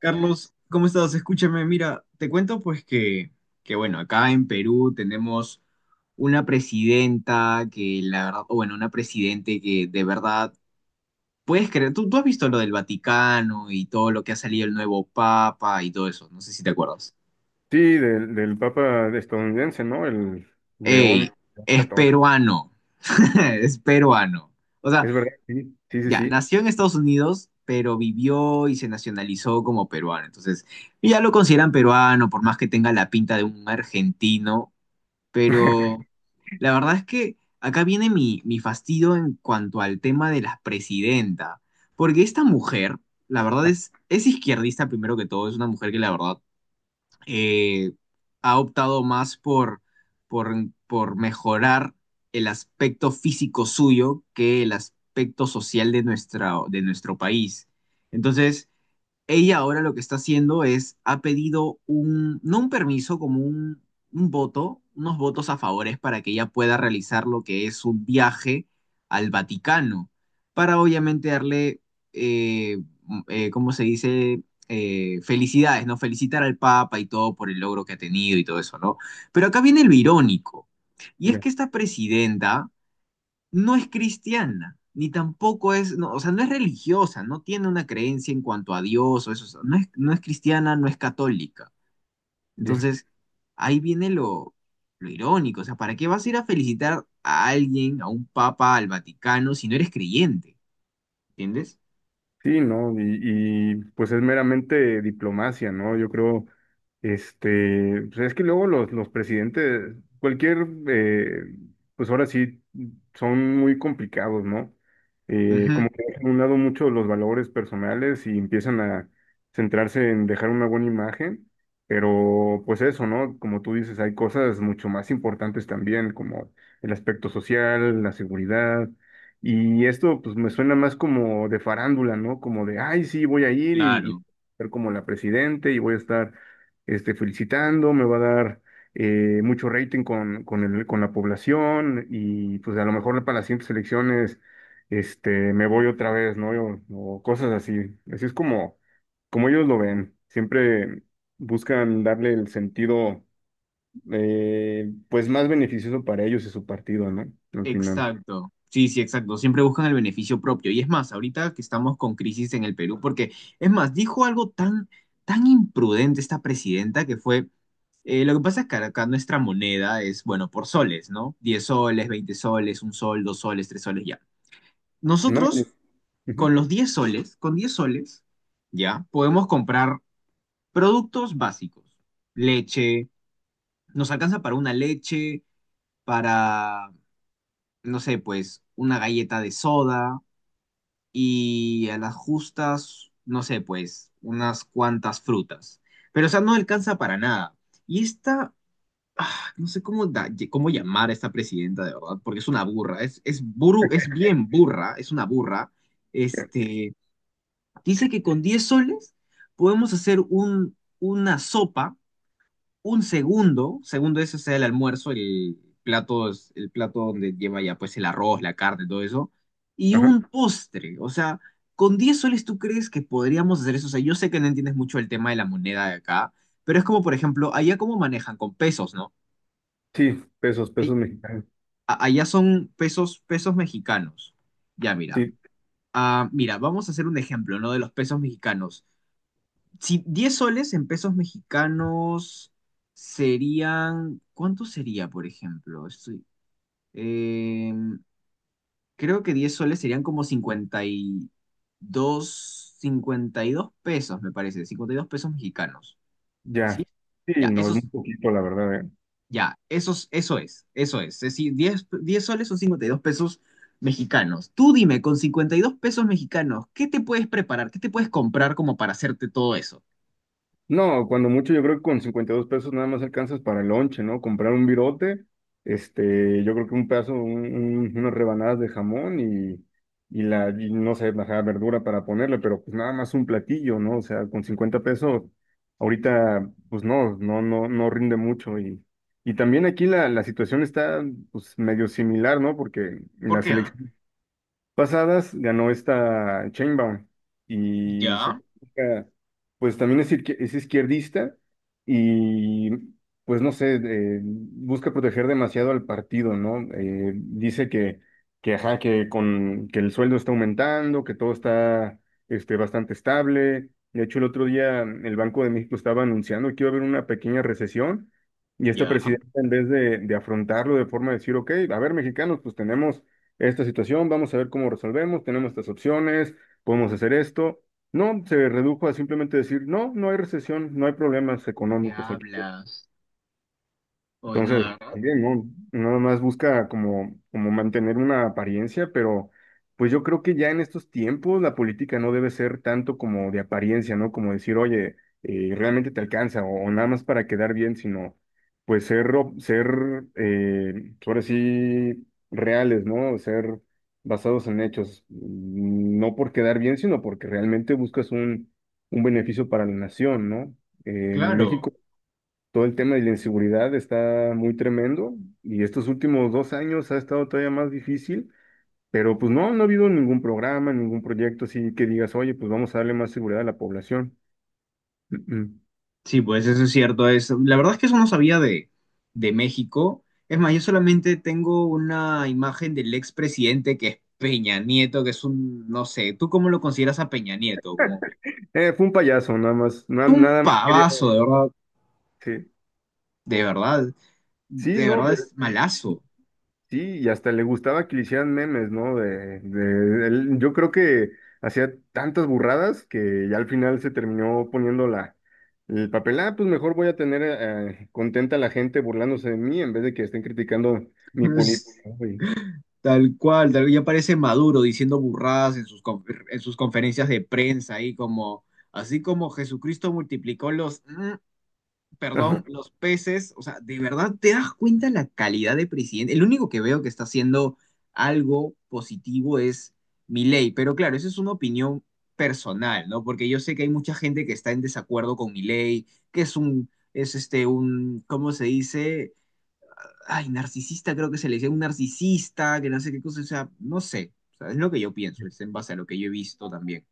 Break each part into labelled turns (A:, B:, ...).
A: Carlos, ¿cómo estás? Escúchame, mira, te cuento pues que bueno, acá en Perú tenemos una presidenta que la verdad, o bueno, una presidente que de verdad, puedes creer, tú has visto lo del Vaticano y todo lo que ha salido el nuevo Papa y todo eso, no sé si te acuerdas.
B: Sí, del Papa estadounidense, ¿no? El
A: Ey,
B: León
A: es
B: XIV.
A: peruano, es peruano. O sea,
B: Es verdad, sí, sí, sí,
A: ya,
B: sí.
A: nació en Estados Unidos, pero vivió y se nacionalizó como peruano. Entonces, ya lo consideran peruano, por más que tenga la pinta de un argentino. Pero la verdad es que acá viene mi fastidio en cuanto al tema de la presidenta. Porque esta mujer, la verdad es izquierdista primero que todo, es una mujer que la verdad eh, ha optado más por, por mejorar el aspecto físico suyo que el aspecto social de, nuestra, de nuestro país. Entonces, ella ahora lo que está haciendo es, ha pedido un, no un permiso, como un voto, unos votos a favores para que ella pueda realizar lo que es un viaje al Vaticano, para obviamente darle, eh, ¿cómo se dice? Felicidades, ¿no? Felicitar al Papa y todo por el logro que ha tenido y todo eso, ¿no? Pero acá viene lo irónico, y es
B: Ya,
A: que esta presidenta no es cristiana, ni tampoco es, no, o sea, no es religiosa, no tiene una creencia en cuanto a Dios o eso, o sea, no es cristiana, no es católica.
B: ya.
A: Entonces, ahí viene lo irónico, o sea, ¿para qué vas a ir a felicitar a alguien, a un papa, al Vaticano, si no eres creyente? ¿Entiendes?
B: Sí, ¿no? Pues es meramente diplomacia, ¿no? Yo creo, pues es que luego los presidentes, cualquier, pues ahora sí, son muy complicados, ¿no?
A: Ujú.
B: Como que dejan a un lado mucho los valores personales y empiezan a centrarse en dejar una buena imagen, pero pues eso, ¿no? Como tú dices, hay cosas mucho más importantes también, como el aspecto social, la seguridad, y esto pues me suena más como de farándula, ¿no? Como de, ay, sí, voy a ir y
A: Claro.
B: ser como la presidente y voy a estar felicitando, me va a dar mucho rating con con la población, y pues a lo mejor para las siguientes elecciones, me voy otra vez, ¿no? O cosas así. Así es como, como ellos lo ven. Siempre buscan darle el sentido, pues más beneficioso para ellos y su partido, ¿no? Al final.
A: Exacto. Sí, sí, exacto. Siempre buscan el beneficio propio. Y es más, ahorita que estamos con crisis en el Perú, porque es más, dijo algo tan imprudente esta presidenta que fue, lo que pasa es que acá nuestra moneda es, bueno, por soles, ¿no? 10 soles, 20 soles, 1 sol, 2 soles, 3 soles, ya.
B: No me-
A: Nosotros,
B: Ujú.
A: con los 10 soles, con 10 soles, ya, podemos comprar productos básicos. Leche, nos alcanza para una leche, para no sé, pues una galleta de soda, y a las justas, no sé, pues unas cuantas frutas. Pero, o sea, no alcanza para nada. Y esta, ah, no sé cómo, cómo llamar a esta presidenta, de verdad, porque es una burra, es bien burra, es una burra. Este, dice que con 10 soles podemos hacer un, una sopa un segundo, segundo ese sea el almuerzo, el plato, el plato donde lleva ya pues el arroz, la carne, todo eso, y
B: Ajá.
A: un postre. O sea, con 10 soles tú crees que podríamos hacer eso. O sea, yo sé que no entiendes mucho el tema de la moneda de acá, pero es como, por ejemplo, allá cómo manejan con pesos, ¿no?
B: Sí, pesos,
A: Ay-
B: pesos mexicanos.
A: Allá son pesos, pesos mexicanos. Ya, mira.
B: Sí,
A: Ah, mira, vamos a hacer un ejemplo, ¿no? De los pesos mexicanos. Si 10 soles en pesos mexicanos serían, ¿cuánto sería, por ejemplo? Em, creo que 10 soles serían como 52 pesos, me parece, 52 pesos mexicanos. ¿Sí?
B: ya. Sí,
A: Ya,
B: no es muy
A: esos,
B: poquito, la verdad, ¿eh?
A: eso es. Es decir, diez soles son 52 pesos mexicanos. Tú dime, con 52 pesos mexicanos, ¿qué te puedes preparar? ¿Qué te puedes comprar como para hacerte todo eso?
B: No, cuando mucho, yo creo que con 52 pesos nada más alcanzas para el lonche, ¿no? Comprar un virote, yo creo que un pedazo, unas rebanadas de jamón, y y no sé, la verdura para ponerle, pero pues nada más un platillo, ¿no? O sea, con 50 pesos, ahorita, pues no rinde mucho. Y. Y también aquí la situación está pues medio similar, ¿no? Porque
A: ¿Por
B: la
A: qué? ¿Ah?
B: selección pasadas ganó esta Chainbaum y su
A: Ya,
B: política, pues también es, es izquierdista, y pues no sé, busca proteger demasiado al partido, ¿no? Dice que, ajá, que el sueldo está aumentando, que todo está bastante estable. De hecho, el otro día el Banco de México estaba anunciando que iba a haber una pequeña recesión, y esta
A: ya.
B: presidenta, en vez de afrontarlo de forma de decir, ok, a ver, mexicanos, pues tenemos esta situación, vamos a ver cómo resolvemos, tenemos estas opciones, podemos hacer esto. No, se redujo a simplemente decir, no, no hay recesión, no hay problemas
A: ¿Qué
B: económicos aquí.
A: hablas? Hoy no, ¿de
B: Entonces,
A: verdad?
B: también, ¿no? Nada más busca como, como mantener una apariencia, pero pues yo creo que ya en estos tiempos la política no debe ser tanto como de apariencia, ¿no? Como decir, oye, realmente te alcanza o nada más para quedar bien, sino pues ser, ser ahora sí, reales, ¿no? Ser basados en hechos, mm, no por quedar bien, sino porque realmente buscas un beneficio para la nación, ¿no?
A: Claro.
B: México, todo el tema de la inseguridad está muy tremendo, y estos últimos dos años ha estado todavía más difícil, pero pues no, no ha habido ningún programa, ningún proyecto así que digas, oye, pues vamos a darle más seguridad a la población. Mm, mm.
A: Sí, pues eso es cierto. Es, la verdad es que eso no sabía de México. Es más, yo solamente tengo una imagen del expresidente que es Peña Nieto, que es un, no sé, ¿tú cómo lo consideras a Peña Nieto? Como
B: Fue un payaso, nada más,
A: un
B: nada más quería
A: pavazo,
B: decir.
A: de verdad,
B: Sí,
A: de
B: no,
A: verdad
B: pero...
A: es malazo.
B: Sí, y hasta le gustaba que le hicieran memes, ¿no? Yo creo que hacía tantas burradas que ya al final se terminó poniendo la, el papel, ah, pues mejor voy a tener, contenta a la gente burlándose de mí en vez de que estén criticando mi política, güey.
A: Es tal cual, tal, ya parece Maduro diciendo burradas en sus, en sus conferencias de prensa ahí como. Así como Jesucristo multiplicó los perdón,
B: Ajá.
A: los peces, o sea, de verdad te das cuenta la calidad de presidente. El único que veo que está haciendo algo positivo es Milei, pero claro, eso es una opinión personal, ¿no? Porque yo sé que hay mucha gente que está en desacuerdo con Milei, que es un, es este, un, ¿cómo se dice? Ay, narcisista, creo que se le dice un narcisista, que no sé qué cosa, o sea, no sé, o sea, es lo que yo pienso, es en base a lo que yo he visto también.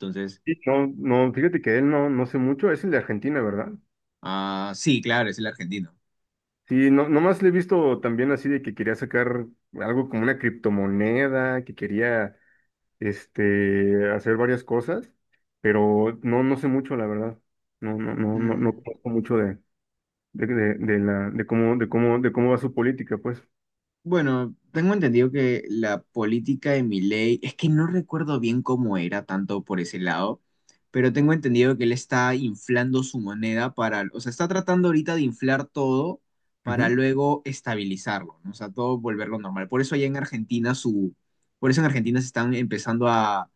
A: Entonces,
B: Sí, no, no, fíjate que él no, no sé mucho, es el de Argentina, ¿verdad?
A: ah, sí, claro, es el argentino.
B: Sí, no, nomás le he visto también así de que quería sacar algo como una criptomoneda, que quería, hacer varias cosas, pero no, no sé mucho, la verdad. No
A: Mm.
B: conozco mucho de de cómo, de cómo va su política, pues.
A: Bueno, tengo entendido que la política de Milei, es que no recuerdo bien cómo era tanto por ese lado, pero tengo entendido que él está inflando su moneda para, o sea, está tratando ahorita de inflar todo para
B: Ujú,
A: luego estabilizarlo, ¿no? O sea, todo volverlo normal. Por eso allá en Argentina su, por eso en Argentina se están empezando a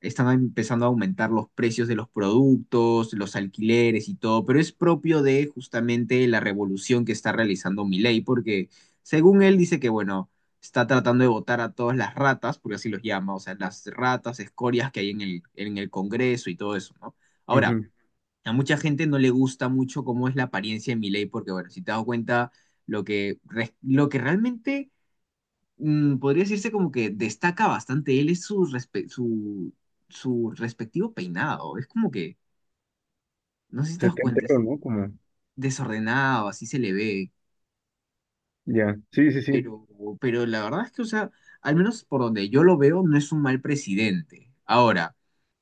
A: aumentar los precios de los productos, los alquileres y todo, pero es propio de justamente la revolución que está realizando Milei, porque según él dice que, bueno, está tratando de votar a todas las ratas, porque así los llama, o sea, las ratas, escorias que hay en el Congreso y todo eso, ¿no? Ahora,
B: ujú.
A: a mucha gente no le gusta mucho cómo es la apariencia de Milei, porque, bueno, si te das cuenta, lo que, lo que realmente podría decirse como que destaca bastante él es su, su, su respectivo peinado. Es como que, no sé si te
B: Se
A: das
B: te
A: cuenta,
B: entero,
A: es
B: ¿no? Como,
A: desordenado, así se le ve.
B: ya. Sí, sí, sí.
A: Pero, pero la verdad es que, o sea, al menos por donde yo lo veo, no es un mal presidente. Ahora,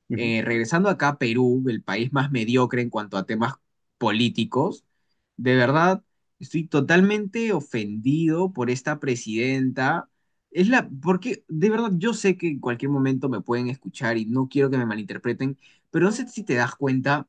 B: Ujú,
A: regresando acá a Perú, el país más mediocre en cuanto a temas políticos, de verdad estoy totalmente ofendido por esta presidenta. Es la, porque de verdad yo sé que en cualquier momento me pueden escuchar y no quiero que me malinterpreten, pero no sé si te das cuenta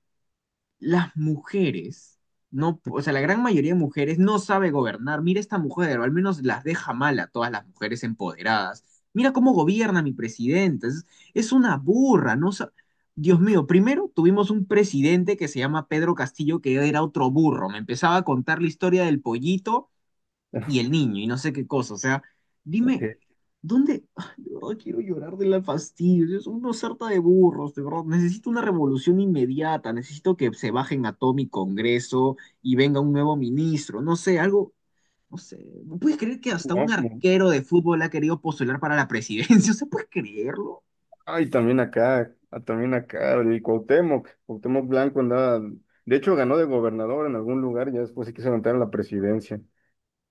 A: las mujeres, no, o sea, la gran mayoría de mujeres no sabe gobernar. Mira esta mujer, o al menos las deja mal a todas las mujeres empoderadas. Mira cómo gobierna mi presidenta. Es una burra, no sa- Dios mío, primero tuvimos un presidente que se llama Pedro Castillo, que era otro burro. Me empezaba a contar la historia del pollito y el niño y no sé qué cosa. O sea,
B: ok.
A: dime, ¿dónde? Ay, de verdad quiero llorar de la fastidio. Es una sarta de burros, de verdad. Necesito una revolución inmediata. Necesito que se bajen a todo mi Congreso y venga un nuevo ministro. No sé, algo. No sé. ¿Puedes creer que hasta un
B: No, como,
A: arquero de fútbol ha querido postular para la presidencia? ¿O sea, puedes creerlo?
B: ay, también acá, ah, también acá, el Cuauhtémoc, Cuauhtémoc Blanco andaba, de hecho ganó de gobernador en algún lugar, ya después se quiso levantar a la presidencia.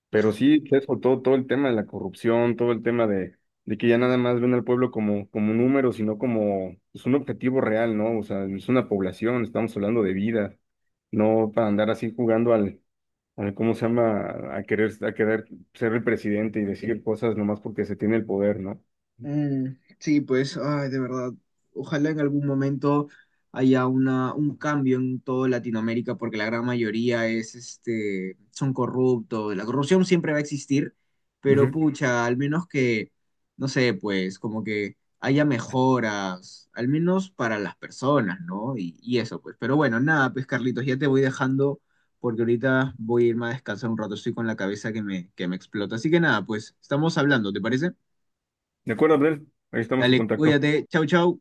B: Pero sí, sí, eso, todo, todo el tema de la corrupción, todo el tema de que ya nada más ven al pueblo como, como un número, sino como pues, un objetivo real, ¿no? O sea, es una población, estamos hablando de vida, no para andar así jugando al, al ¿cómo se llama? A querer ser el presidente y decir cosas nomás porque se tiene el poder, ¿no?
A: Mm, sí, pues, ay, de verdad, ojalá en algún momento haya una, un cambio en toda Latinoamérica, porque la gran mayoría es, este, son corruptos. La corrupción siempre va a existir, pero
B: Ujú.
A: pucha, al menos que, no sé, pues, como que haya mejoras, al menos para las personas, ¿no? Y eso, pues. Pero bueno, nada, pues, Carlitos, ya te voy dejando, porque ahorita voy a irme a descansar un rato, estoy con la cabeza que me explota. Así que nada, pues, estamos hablando, ¿te parece?
B: De acuerdo, Abdel, ahí estamos en
A: Dale,
B: contacto.
A: cuídate. Chau, chau.